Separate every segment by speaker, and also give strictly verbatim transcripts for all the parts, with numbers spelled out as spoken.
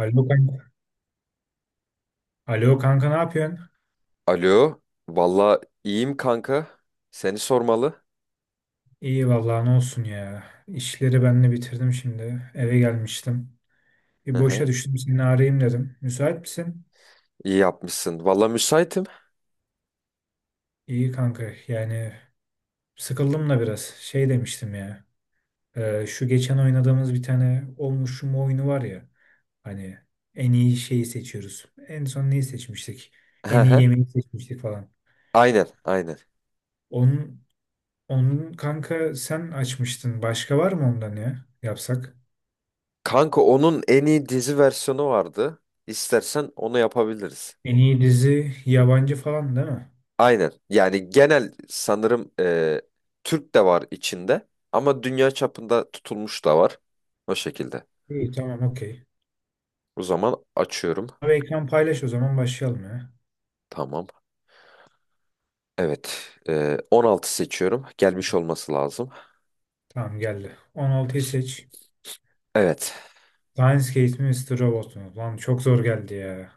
Speaker 1: Alo kanka. Alo kanka, ne yapıyorsun?
Speaker 2: Alo, valla iyiyim kanka. Seni sormalı.
Speaker 1: İyi vallahi, ne olsun ya. İşleri ben de bitirdim şimdi. Eve gelmiştim.
Speaker 2: Hı
Speaker 1: Bir
Speaker 2: hı.
Speaker 1: boşa düştüm, seni arayayım dedim. Müsait misin?
Speaker 2: İyi yapmışsın. Valla müsaitim.
Speaker 1: İyi kanka, yani sıkıldım da biraz. Şey demiştim ya. E, şu geçen oynadığımız bir tane olmuşum oyunu var ya. Hani en iyi şeyi seçiyoruz. En son neyi seçmiştik?
Speaker 2: Hı
Speaker 1: En iyi
Speaker 2: hı.
Speaker 1: yemeği seçmiştik falan.
Speaker 2: Aynen, aynen.
Speaker 1: Onun, onun kanka sen açmıştın. Başka var mı ondan ya? Yapsak?
Speaker 2: Kanka onun en iyi dizi versiyonu vardı. İstersen onu yapabiliriz.
Speaker 1: En iyi dizi yabancı falan değil mi?
Speaker 2: Aynen. Yani genel sanırım e, Türk de var içinde ama dünya çapında tutulmuş da var. O şekilde.
Speaker 1: İyi, tamam, okey.
Speaker 2: O zaman açıyorum.
Speaker 1: Abi ekran paylaş o zaman, başlayalım ya.
Speaker 2: Tamam. Evet. e, on altı seçiyorum. Gelmiş olması lazım.
Speaker 1: Tamam geldi. on altıyı seç.
Speaker 2: Evet.
Speaker 1: Lionsgate mi Mister Robot mu? Lan çok zor geldi ya.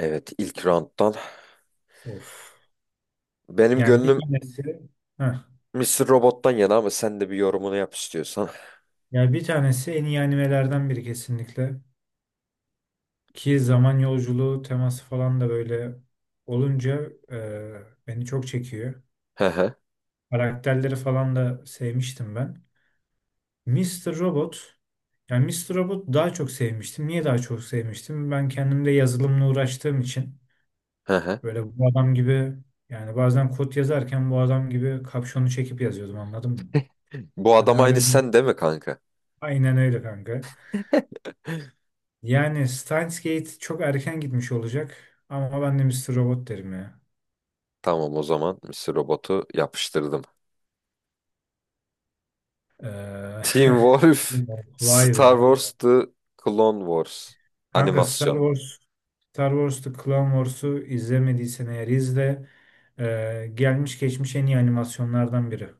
Speaker 2: Evet. ilk round'dan.
Speaker 1: Of.
Speaker 2: Benim
Speaker 1: Yani bir
Speaker 2: gönlüm
Speaker 1: tanesi. Heh.
Speaker 2: mister Robot'tan yana ama sen de bir yorumunu yap istiyorsan.
Speaker 1: Yani bir tanesi en iyi animelerden biri kesinlikle. Ki zaman yolculuğu teması falan da böyle olunca e, beni çok çekiyor.
Speaker 2: Hı hı,
Speaker 1: Karakterleri falan da sevmiştim ben. Mister Robot, yani Mister Robot daha çok sevmiştim. Niye daha çok sevmiştim? Ben kendimde yazılımla uğraştığım için
Speaker 2: hı hı.
Speaker 1: böyle bu adam gibi, yani bazen kod yazarken bu adam gibi kapşonu çekip yazıyordum, anladın mı?
Speaker 2: Bu
Speaker 1: Hani
Speaker 2: adam aynı
Speaker 1: harbiden
Speaker 2: sen değil mi kanka?
Speaker 1: aynen öyle kanka. Yani Steins Gate çok erken gitmiş olacak, ama ben de Mister Robot derim ya.
Speaker 2: Tamam o zaman mister Robot'u yapıştırdım.
Speaker 1: Ee,
Speaker 2: Team Wolf,
Speaker 1: bilmiyorum. Vay
Speaker 2: Star
Speaker 1: be.
Speaker 2: Wars The Clone Wars
Speaker 1: Kanka Star
Speaker 2: animasyon.
Speaker 1: Wars, Star Wars The Clone Wars'u izlemediysen eğer izle. Ee, gelmiş geçmiş en iyi animasyonlardan biri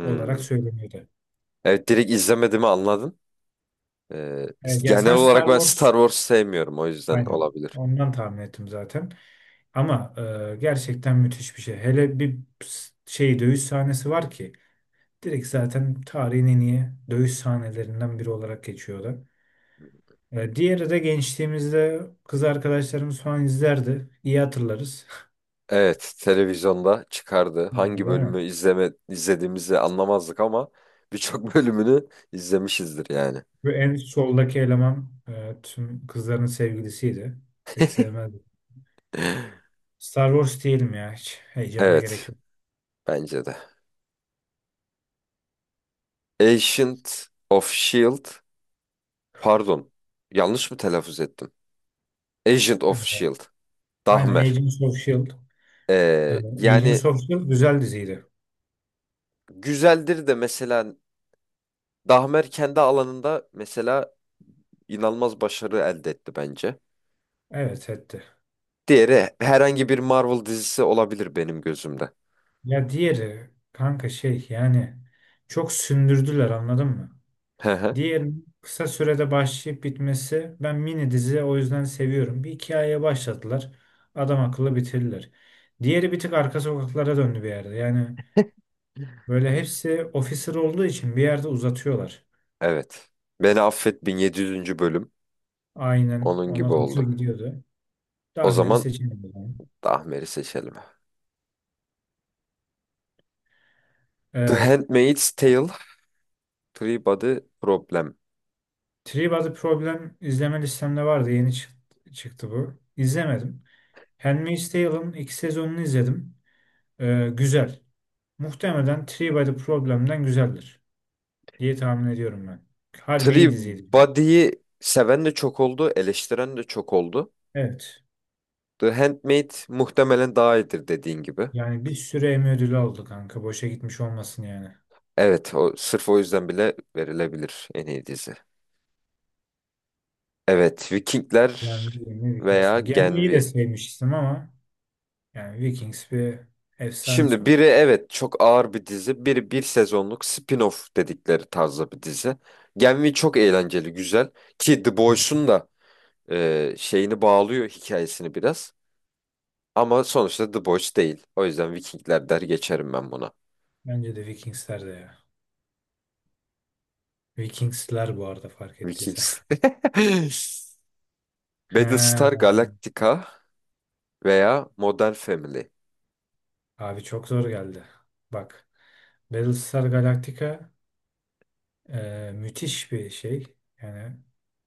Speaker 1: olarak söyleniyordu.
Speaker 2: Evet, direkt izlemediğimi anladın. Ee,
Speaker 1: Evet, ya
Speaker 2: Genel
Speaker 1: sen
Speaker 2: olarak
Speaker 1: Star
Speaker 2: ben Star
Speaker 1: Wars,
Speaker 2: Wars sevmiyorum, o yüzden
Speaker 1: aynen
Speaker 2: olabilir.
Speaker 1: ondan tahmin ettim zaten. Ama e, gerçekten müthiş bir şey. Hele bir s- şey dövüş sahnesi var ki, direkt zaten tarihin en iyi dövüş sahnelerinden biri olarak geçiyordu. E, diğeri de gençliğimizde kız arkadaşlarımız falan izlerdi. İyi hatırlarız.
Speaker 2: Evet, televizyonda çıkardı.
Speaker 1: Yani
Speaker 2: Hangi
Speaker 1: değil mi?
Speaker 2: bölümü izleme izlediğimizi anlamazdık ama birçok bölümünü izlemişizdir yani.
Speaker 1: Ve en soldaki eleman e, tüm kızların sevgilisiydi. Pek sevmezdim. Star Wars diyelim ya hiç. Heyecana gerek
Speaker 2: Evet,
Speaker 1: yok.
Speaker 2: bence de. Agent of Shield, pardon, yanlış mı telaffuz ettim? Agent of
Speaker 1: Evet.
Speaker 2: Shield,
Speaker 1: Aynen,
Speaker 2: Dahmer.
Speaker 1: Agents of S.H.I.E.L.D. E,
Speaker 2: Ee,
Speaker 1: Agents
Speaker 2: yani
Speaker 1: of S.H.I.E.L.D. güzel diziydi.
Speaker 2: güzeldir de mesela Dahmer kendi alanında mesela inanılmaz başarı elde etti bence.
Speaker 1: Evet, etti.
Speaker 2: Diğeri herhangi bir Marvel dizisi olabilir benim gözümde.
Speaker 1: Ya diğeri kanka şey yani çok sündürdüler, anladın mı?
Speaker 2: Hı hı,
Speaker 1: Diğerinin kısa sürede başlayıp bitmesi, ben mini dizi o yüzden seviyorum. Bir hikayeye başladılar. Adam akıllı bitirdiler. Diğeri bir tık arka sokaklara döndü bir yerde. Yani böyle hepsi officer olduğu için bir yerde uzatıyorlar.
Speaker 2: evet. Beni affet, bin yedi yüzüncü. bölüm
Speaker 1: Aynen
Speaker 2: onun gibi
Speaker 1: ona doğru
Speaker 2: oldu.
Speaker 1: gidiyordu.
Speaker 2: O
Speaker 1: Dahmer'i
Speaker 2: zaman
Speaker 1: seçemedim ben.
Speaker 2: Dahmer'i seçelim. The
Speaker 1: Ee,
Speaker 2: Handmaid's Tale, Three Body Problem.
Speaker 1: Three Body Problem izleme listemde vardı. Yeni çık- çıktı bu. İzlemedim. Handmaid's Tale'ın ilk sezonunu izledim. Ee, güzel. Muhtemelen Three Body Problem'den güzeldir diye tahmin ediyorum ben. Harbi iyi diziydi.
Speaker 2: Body'yi seven de çok oldu, eleştiren de çok oldu.
Speaker 1: Evet.
Speaker 2: The Handmaid muhtemelen daha iyidir dediğin gibi.
Speaker 1: Yani bir sürü Emmy ödülü aldı kanka. Boşa gitmiş olmasın yani.
Speaker 2: Evet, o, sırf o yüzden bile verilebilir en iyi dizi. Evet, Vikingler
Speaker 1: Yani ne, Vikings
Speaker 2: veya
Speaker 1: mi? Yani
Speaker 2: Gen
Speaker 1: iyi de
Speaker 2: V.
Speaker 1: sevmiştim ama. Yani Vikings bir efsane
Speaker 2: Şimdi
Speaker 1: sonuç.
Speaker 2: biri evet çok ağır bir dizi, biri bir sezonluk spin-off dedikleri tarzda bir dizi. Gen V çok eğlenceli, güzel. Ki The
Speaker 1: Hı hı.
Speaker 2: Boys'un da e, şeyini bağlıyor, hikayesini biraz. Ama sonuçta The Boys değil. O yüzden Vikingler der geçerim ben buna.
Speaker 1: Bence de Vikingsler de ya. Vikingsler bu arada, fark ettiysen.
Speaker 2: Vikings.
Speaker 1: He,
Speaker 2: Battlestar Galactica veya Modern Family.
Speaker 1: abi çok zor geldi. Bak Battlestar Galactica e, müthiş bir şey. Yani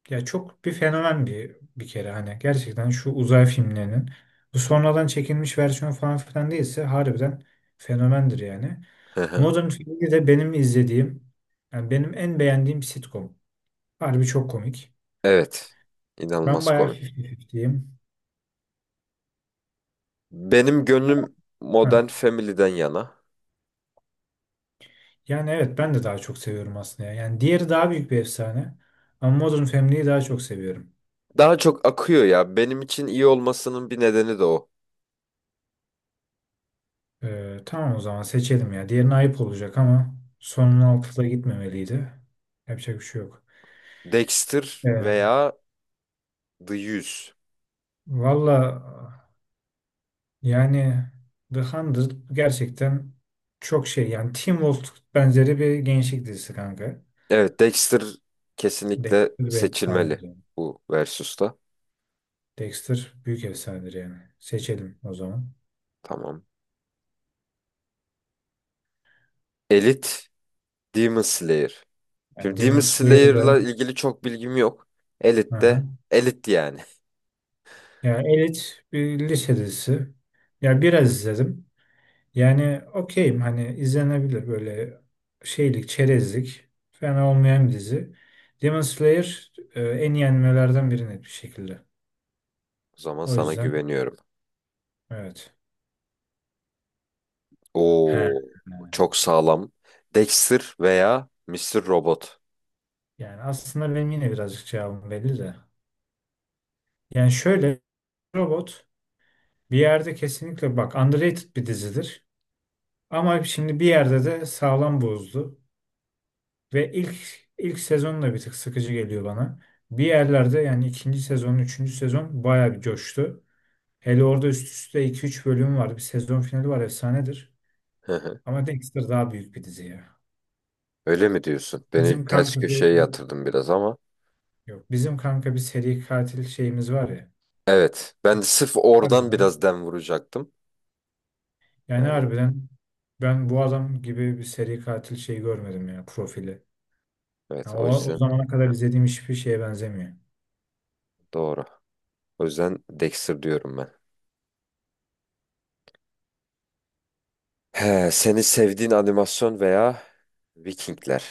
Speaker 1: ya çok bir fenomen, bir bir kere hani gerçekten şu uzay filmlerinin, bu sonradan çekilmiş versiyon falan filan değilse harbiden fenomendir yani.
Speaker 2: Hı hı.
Speaker 1: Modern Family de benim izlediğim, yani benim en beğendiğim sitcom. Harbi çok komik.
Speaker 2: Evet.
Speaker 1: Ben
Speaker 2: İnanılmaz
Speaker 1: bayağı
Speaker 2: komik.
Speaker 1: elli elliyim.
Speaker 2: Benim gönlüm Modern Family'den yana.
Speaker 1: Yani evet, ben de daha çok seviyorum aslında ya. Yani diğeri daha büyük bir efsane. Ama Modern Family'yi daha çok seviyorum.
Speaker 2: Daha çok akıyor ya. Benim için iyi olmasının bir nedeni de o.
Speaker 1: Ee, tamam, o zaman seçelim ya. Diğerine ayıp olacak ama sonun altında gitmemeliydi. Yapacak bir şey yok.
Speaker 2: Dexter
Speaker 1: Evet.
Speaker 2: veya The yüz.
Speaker 1: Valla yani The Hundred gerçekten çok şey. Yani Teen Wolf benzeri bir gençlik dizisi kanka.
Speaker 2: Evet, Dexter kesinlikle
Speaker 1: Dexter bir efsanedir
Speaker 2: seçilmeli
Speaker 1: yani.
Speaker 2: bu versus'ta.
Speaker 1: Dexter büyük efsanedir yani. Seçelim o zaman.
Speaker 2: Tamam. Elite, Demon Slayer.
Speaker 1: Yani
Speaker 2: Şimdi Demon
Speaker 1: Demon Slayer.
Speaker 2: Slayer'la ilgili çok bilgim yok. Elite de
Speaker 1: Aha.
Speaker 2: Elite yani.
Speaker 1: Ya elit bir lise dizisi. Ya biraz izledim. Yani okeyim, hani izlenebilir böyle şeylik, çerezlik. Fena olmayan bir dizi. Demon Slayer e, en iyi animelerden biri net bir şekilde.
Speaker 2: O zaman
Speaker 1: O
Speaker 2: sana
Speaker 1: yüzden
Speaker 2: güveniyorum.
Speaker 1: evet. He.
Speaker 2: Oo, çok sağlam. Dexter veya Mister Robot.
Speaker 1: Yani aslında benim yine birazcık cevabım belli de. Yani şöyle, robot bir yerde kesinlikle bak underrated bir dizidir. Ama şimdi bir yerde de sağlam bozdu. Ve ilk ilk sezon da bir tık sıkıcı geliyor bana. Bir yerlerde yani ikinci sezon, üçüncü sezon bayağı bir coştu. Hele orada üst üste iki üç bölüm var. Bir sezon finali var, efsanedir.
Speaker 2: Hı hı.
Speaker 1: Ama Dexter daha büyük bir dizi ya.
Speaker 2: Öyle mi diyorsun? Beni
Speaker 1: Bizim
Speaker 2: ters
Speaker 1: kanka bir
Speaker 2: köşeye yatırdın biraz ama.
Speaker 1: yok. Bizim kanka bir seri katil şeyimiz var ya.
Speaker 2: Evet, ben de sırf oradan
Speaker 1: Harbiden.
Speaker 2: biraz dem vuracaktım.
Speaker 1: Yani
Speaker 2: Yani
Speaker 1: harbiden ben bu adam gibi bir seri katil şey görmedim ya, profili.
Speaker 2: evet,
Speaker 1: Yani
Speaker 2: o
Speaker 1: o, o
Speaker 2: yüzden
Speaker 1: zamana kadar izlediğim hiçbir şeye benzemiyor.
Speaker 2: doğru. O yüzden Dexter diyorum ben. He, seni sevdiğin animasyon veya Vikingler.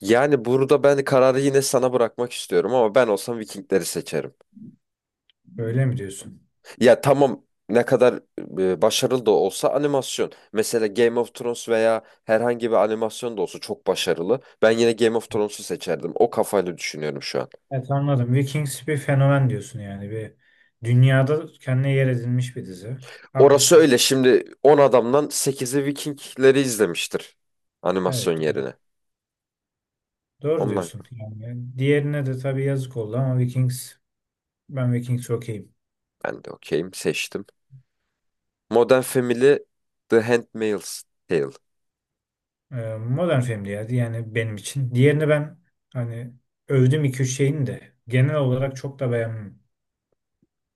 Speaker 2: Yani burada ben kararı yine sana bırakmak istiyorum ama ben olsam Vikingleri seçerim.
Speaker 1: Öyle mi diyorsun?
Speaker 2: Ya tamam, ne kadar e, başarılı da olsa animasyon. Mesela Game of Thrones veya herhangi bir animasyon da olsa çok başarılı, ben yine Game of Thrones'u seçerdim. O kafayla düşünüyorum şu an.
Speaker 1: Evet anladım. Vikings bir fenomen diyorsun yani. Bir dünyada kendine yer edinmiş bir dizi.
Speaker 2: Orası
Speaker 1: Haklısın.
Speaker 2: öyle, şimdi on adamdan sekizi Vikingleri izlemiştir animasyon
Speaker 1: Evet.
Speaker 2: yerine.
Speaker 1: Doğru
Speaker 2: Ondan
Speaker 1: diyorsun. Yani diğerine de tabii yazık oldu ama Vikings, ben Vikings okeyim.
Speaker 2: ben de okeyim, seçtim. Modern Family, The Handmaid's Tale.
Speaker 1: Ee, modern film diyerdi yani benim için. Diğerini ben hani övdüm, iki üç şeyini de genel olarak çok da beğenmem.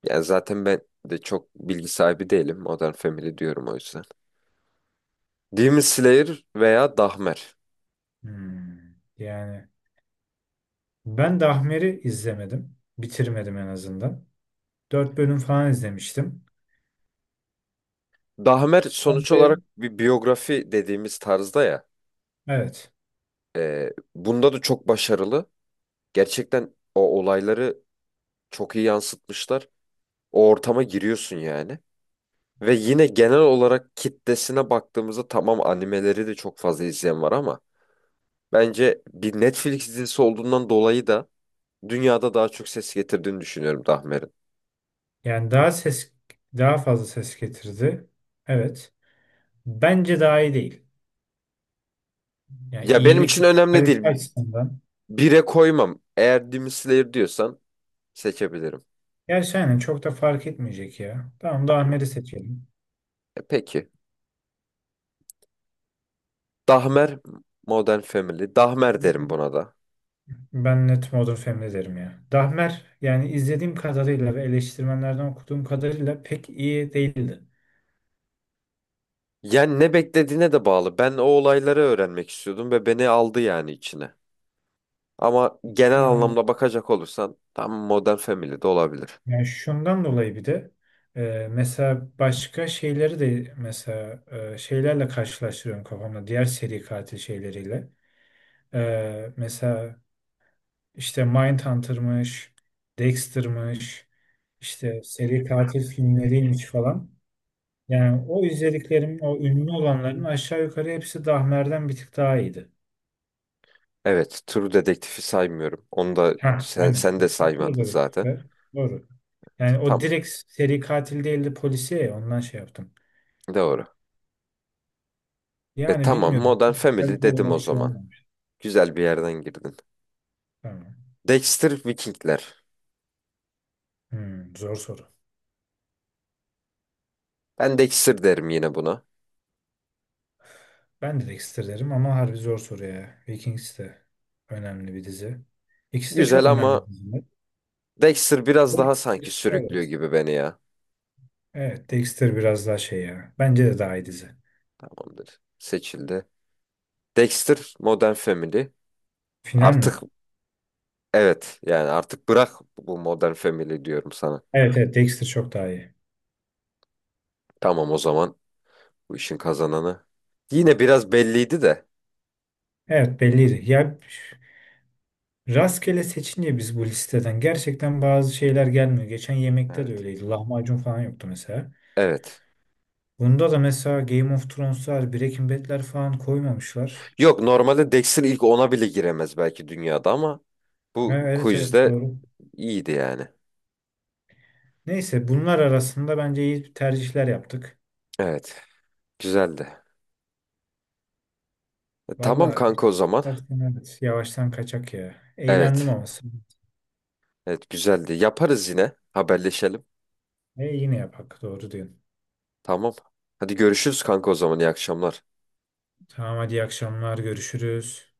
Speaker 2: Yani zaten ben de çok bilgi sahibi değilim. Modern Family diyorum o yüzden. Demon Slayer veya Dahmer.
Speaker 1: Hmm. Yani ben Dahmer'i izlemedim. Bitirmedim en azından. Dört bölüm falan izlemiştim.
Speaker 2: Dahmer
Speaker 1: Sen
Speaker 2: sonuç olarak
Speaker 1: de
Speaker 2: bir biyografi dediğimiz tarzda ya.
Speaker 1: evet.
Speaker 2: E, bunda da çok başarılı. Gerçekten o olayları çok iyi yansıtmışlar. O ortama giriyorsun yani. Ve yine genel olarak kitlesine baktığımızda tamam animeleri de çok fazla izleyen var ama bence bir Netflix dizisi olduğundan dolayı da dünyada daha çok ses getirdiğini düşünüyorum Dahmer'in.
Speaker 1: Yani daha ses daha fazla ses getirdi. Evet. Bence daha iyi değil. Yani
Speaker 2: Ya benim
Speaker 1: iyilik
Speaker 2: için önemli değil.
Speaker 1: kalite açısından.
Speaker 2: Bire koymam. Eğer Demon Slayer diyorsan seçebilirim.
Speaker 1: Gerçi aynen çok da fark etmeyecek ya. Tamam, Dahmer'i seçelim.
Speaker 2: E, peki. Dahmer, Modern Family. Dahmer derim buna da.
Speaker 1: Ben net Modern Family derim ya. Dahmer yani izlediğim kadarıyla ve eleştirmenlerden okuduğum kadarıyla pek iyi değildi.
Speaker 2: Yani ne beklediğine de bağlı. Ben o olayları öğrenmek istiyordum ve beni aldı yani içine. Ama genel
Speaker 1: Yani,
Speaker 2: anlamda bakacak olursan tam Modern Family de olabilir.
Speaker 1: Yani şundan dolayı bir de e, mesela başka şeyleri de, mesela e, şeylerle karşılaştırıyorum kafamda. Diğer seri katil şeyleriyle. Ee, mesela işte Mindhunter'mış, Dexter'mış, işte seri katil filmleriymiş falan. Yani o izlediklerim, o ünlü olanların aşağı yukarı hepsi Dahmer'den bir tık daha iyiydi.
Speaker 2: Evet, True Detective'i saymıyorum. Onu da
Speaker 1: Ha,
Speaker 2: sen,
Speaker 1: aynen.
Speaker 2: sen de
Speaker 1: Fatura da
Speaker 2: saymadın
Speaker 1: bir tık
Speaker 2: zaten.
Speaker 1: var. Doğru. Yani o
Speaker 2: Tam
Speaker 1: direkt seri katil değildi, polisiye ya, ondan şey yaptım.
Speaker 2: doğru. E
Speaker 1: Yani
Speaker 2: tamam,
Speaker 1: bilmiyorum.
Speaker 2: Modern Family
Speaker 1: Tabii
Speaker 2: dedim o
Speaker 1: olarak şey
Speaker 2: zaman.
Speaker 1: olmamış.
Speaker 2: Güzel bir yerden girdin.
Speaker 1: Tamam.
Speaker 2: Dexter, Vikingler.
Speaker 1: Hmm, zor soru.
Speaker 2: Ben Dexter derim yine buna.
Speaker 1: Ben de Dexter derim ama harbi zor soru ya. Vikings de önemli bir dizi. İkisi de
Speaker 2: Güzel
Speaker 1: çok önemli
Speaker 2: ama
Speaker 1: diziler.
Speaker 2: Dexter biraz daha sanki
Speaker 1: Dexter,
Speaker 2: sürüklüyor
Speaker 1: evet.
Speaker 2: gibi beni ya.
Speaker 1: Evet, Dexter biraz daha şey ya. Bence de daha iyi dizi.
Speaker 2: Tamamdır. Seçildi. Dexter, Modern Family.
Speaker 1: Final mi?
Speaker 2: Artık evet, yani artık bırak, bu Modern Family diyorum sana.
Speaker 1: Evet, evet Dexter çok daha iyi.
Speaker 2: Tamam o zaman, bu işin kazananı. Yine biraz belliydi de.
Speaker 1: Evet belliydi. Ya rastgele seçince biz bu listeden gerçekten bazı şeyler gelmiyor. Geçen yemekte de
Speaker 2: Evet.
Speaker 1: öyleydi. Lahmacun falan yoktu mesela.
Speaker 2: Evet.
Speaker 1: Bunda da mesela Game of Thrones'lar, Breaking Bad'ler falan koymamışlar.
Speaker 2: Yok, normalde Dexter ilk ona bile giremez belki dünyada ama
Speaker 1: Ha,
Speaker 2: bu
Speaker 1: evet evet
Speaker 2: quizde
Speaker 1: doğru.
Speaker 2: iyiydi yani.
Speaker 1: Neyse, bunlar arasında bence iyi tercihler yaptık.
Speaker 2: Evet. Güzeldi. E, tamam
Speaker 1: Valla hiç
Speaker 2: kanka o zaman.
Speaker 1: tersten, evet, yavaştan kaçak ya. Eğlendim
Speaker 2: Evet.
Speaker 1: ama.
Speaker 2: Evet, güzeldi. Yaparız yine. Haberleşelim.
Speaker 1: E, yine yapak, doğru diyorsun.
Speaker 2: Tamam. Hadi görüşürüz kanka o zaman. İyi akşamlar.
Speaker 1: Tamam hadi, iyi akşamlar görüşürüz.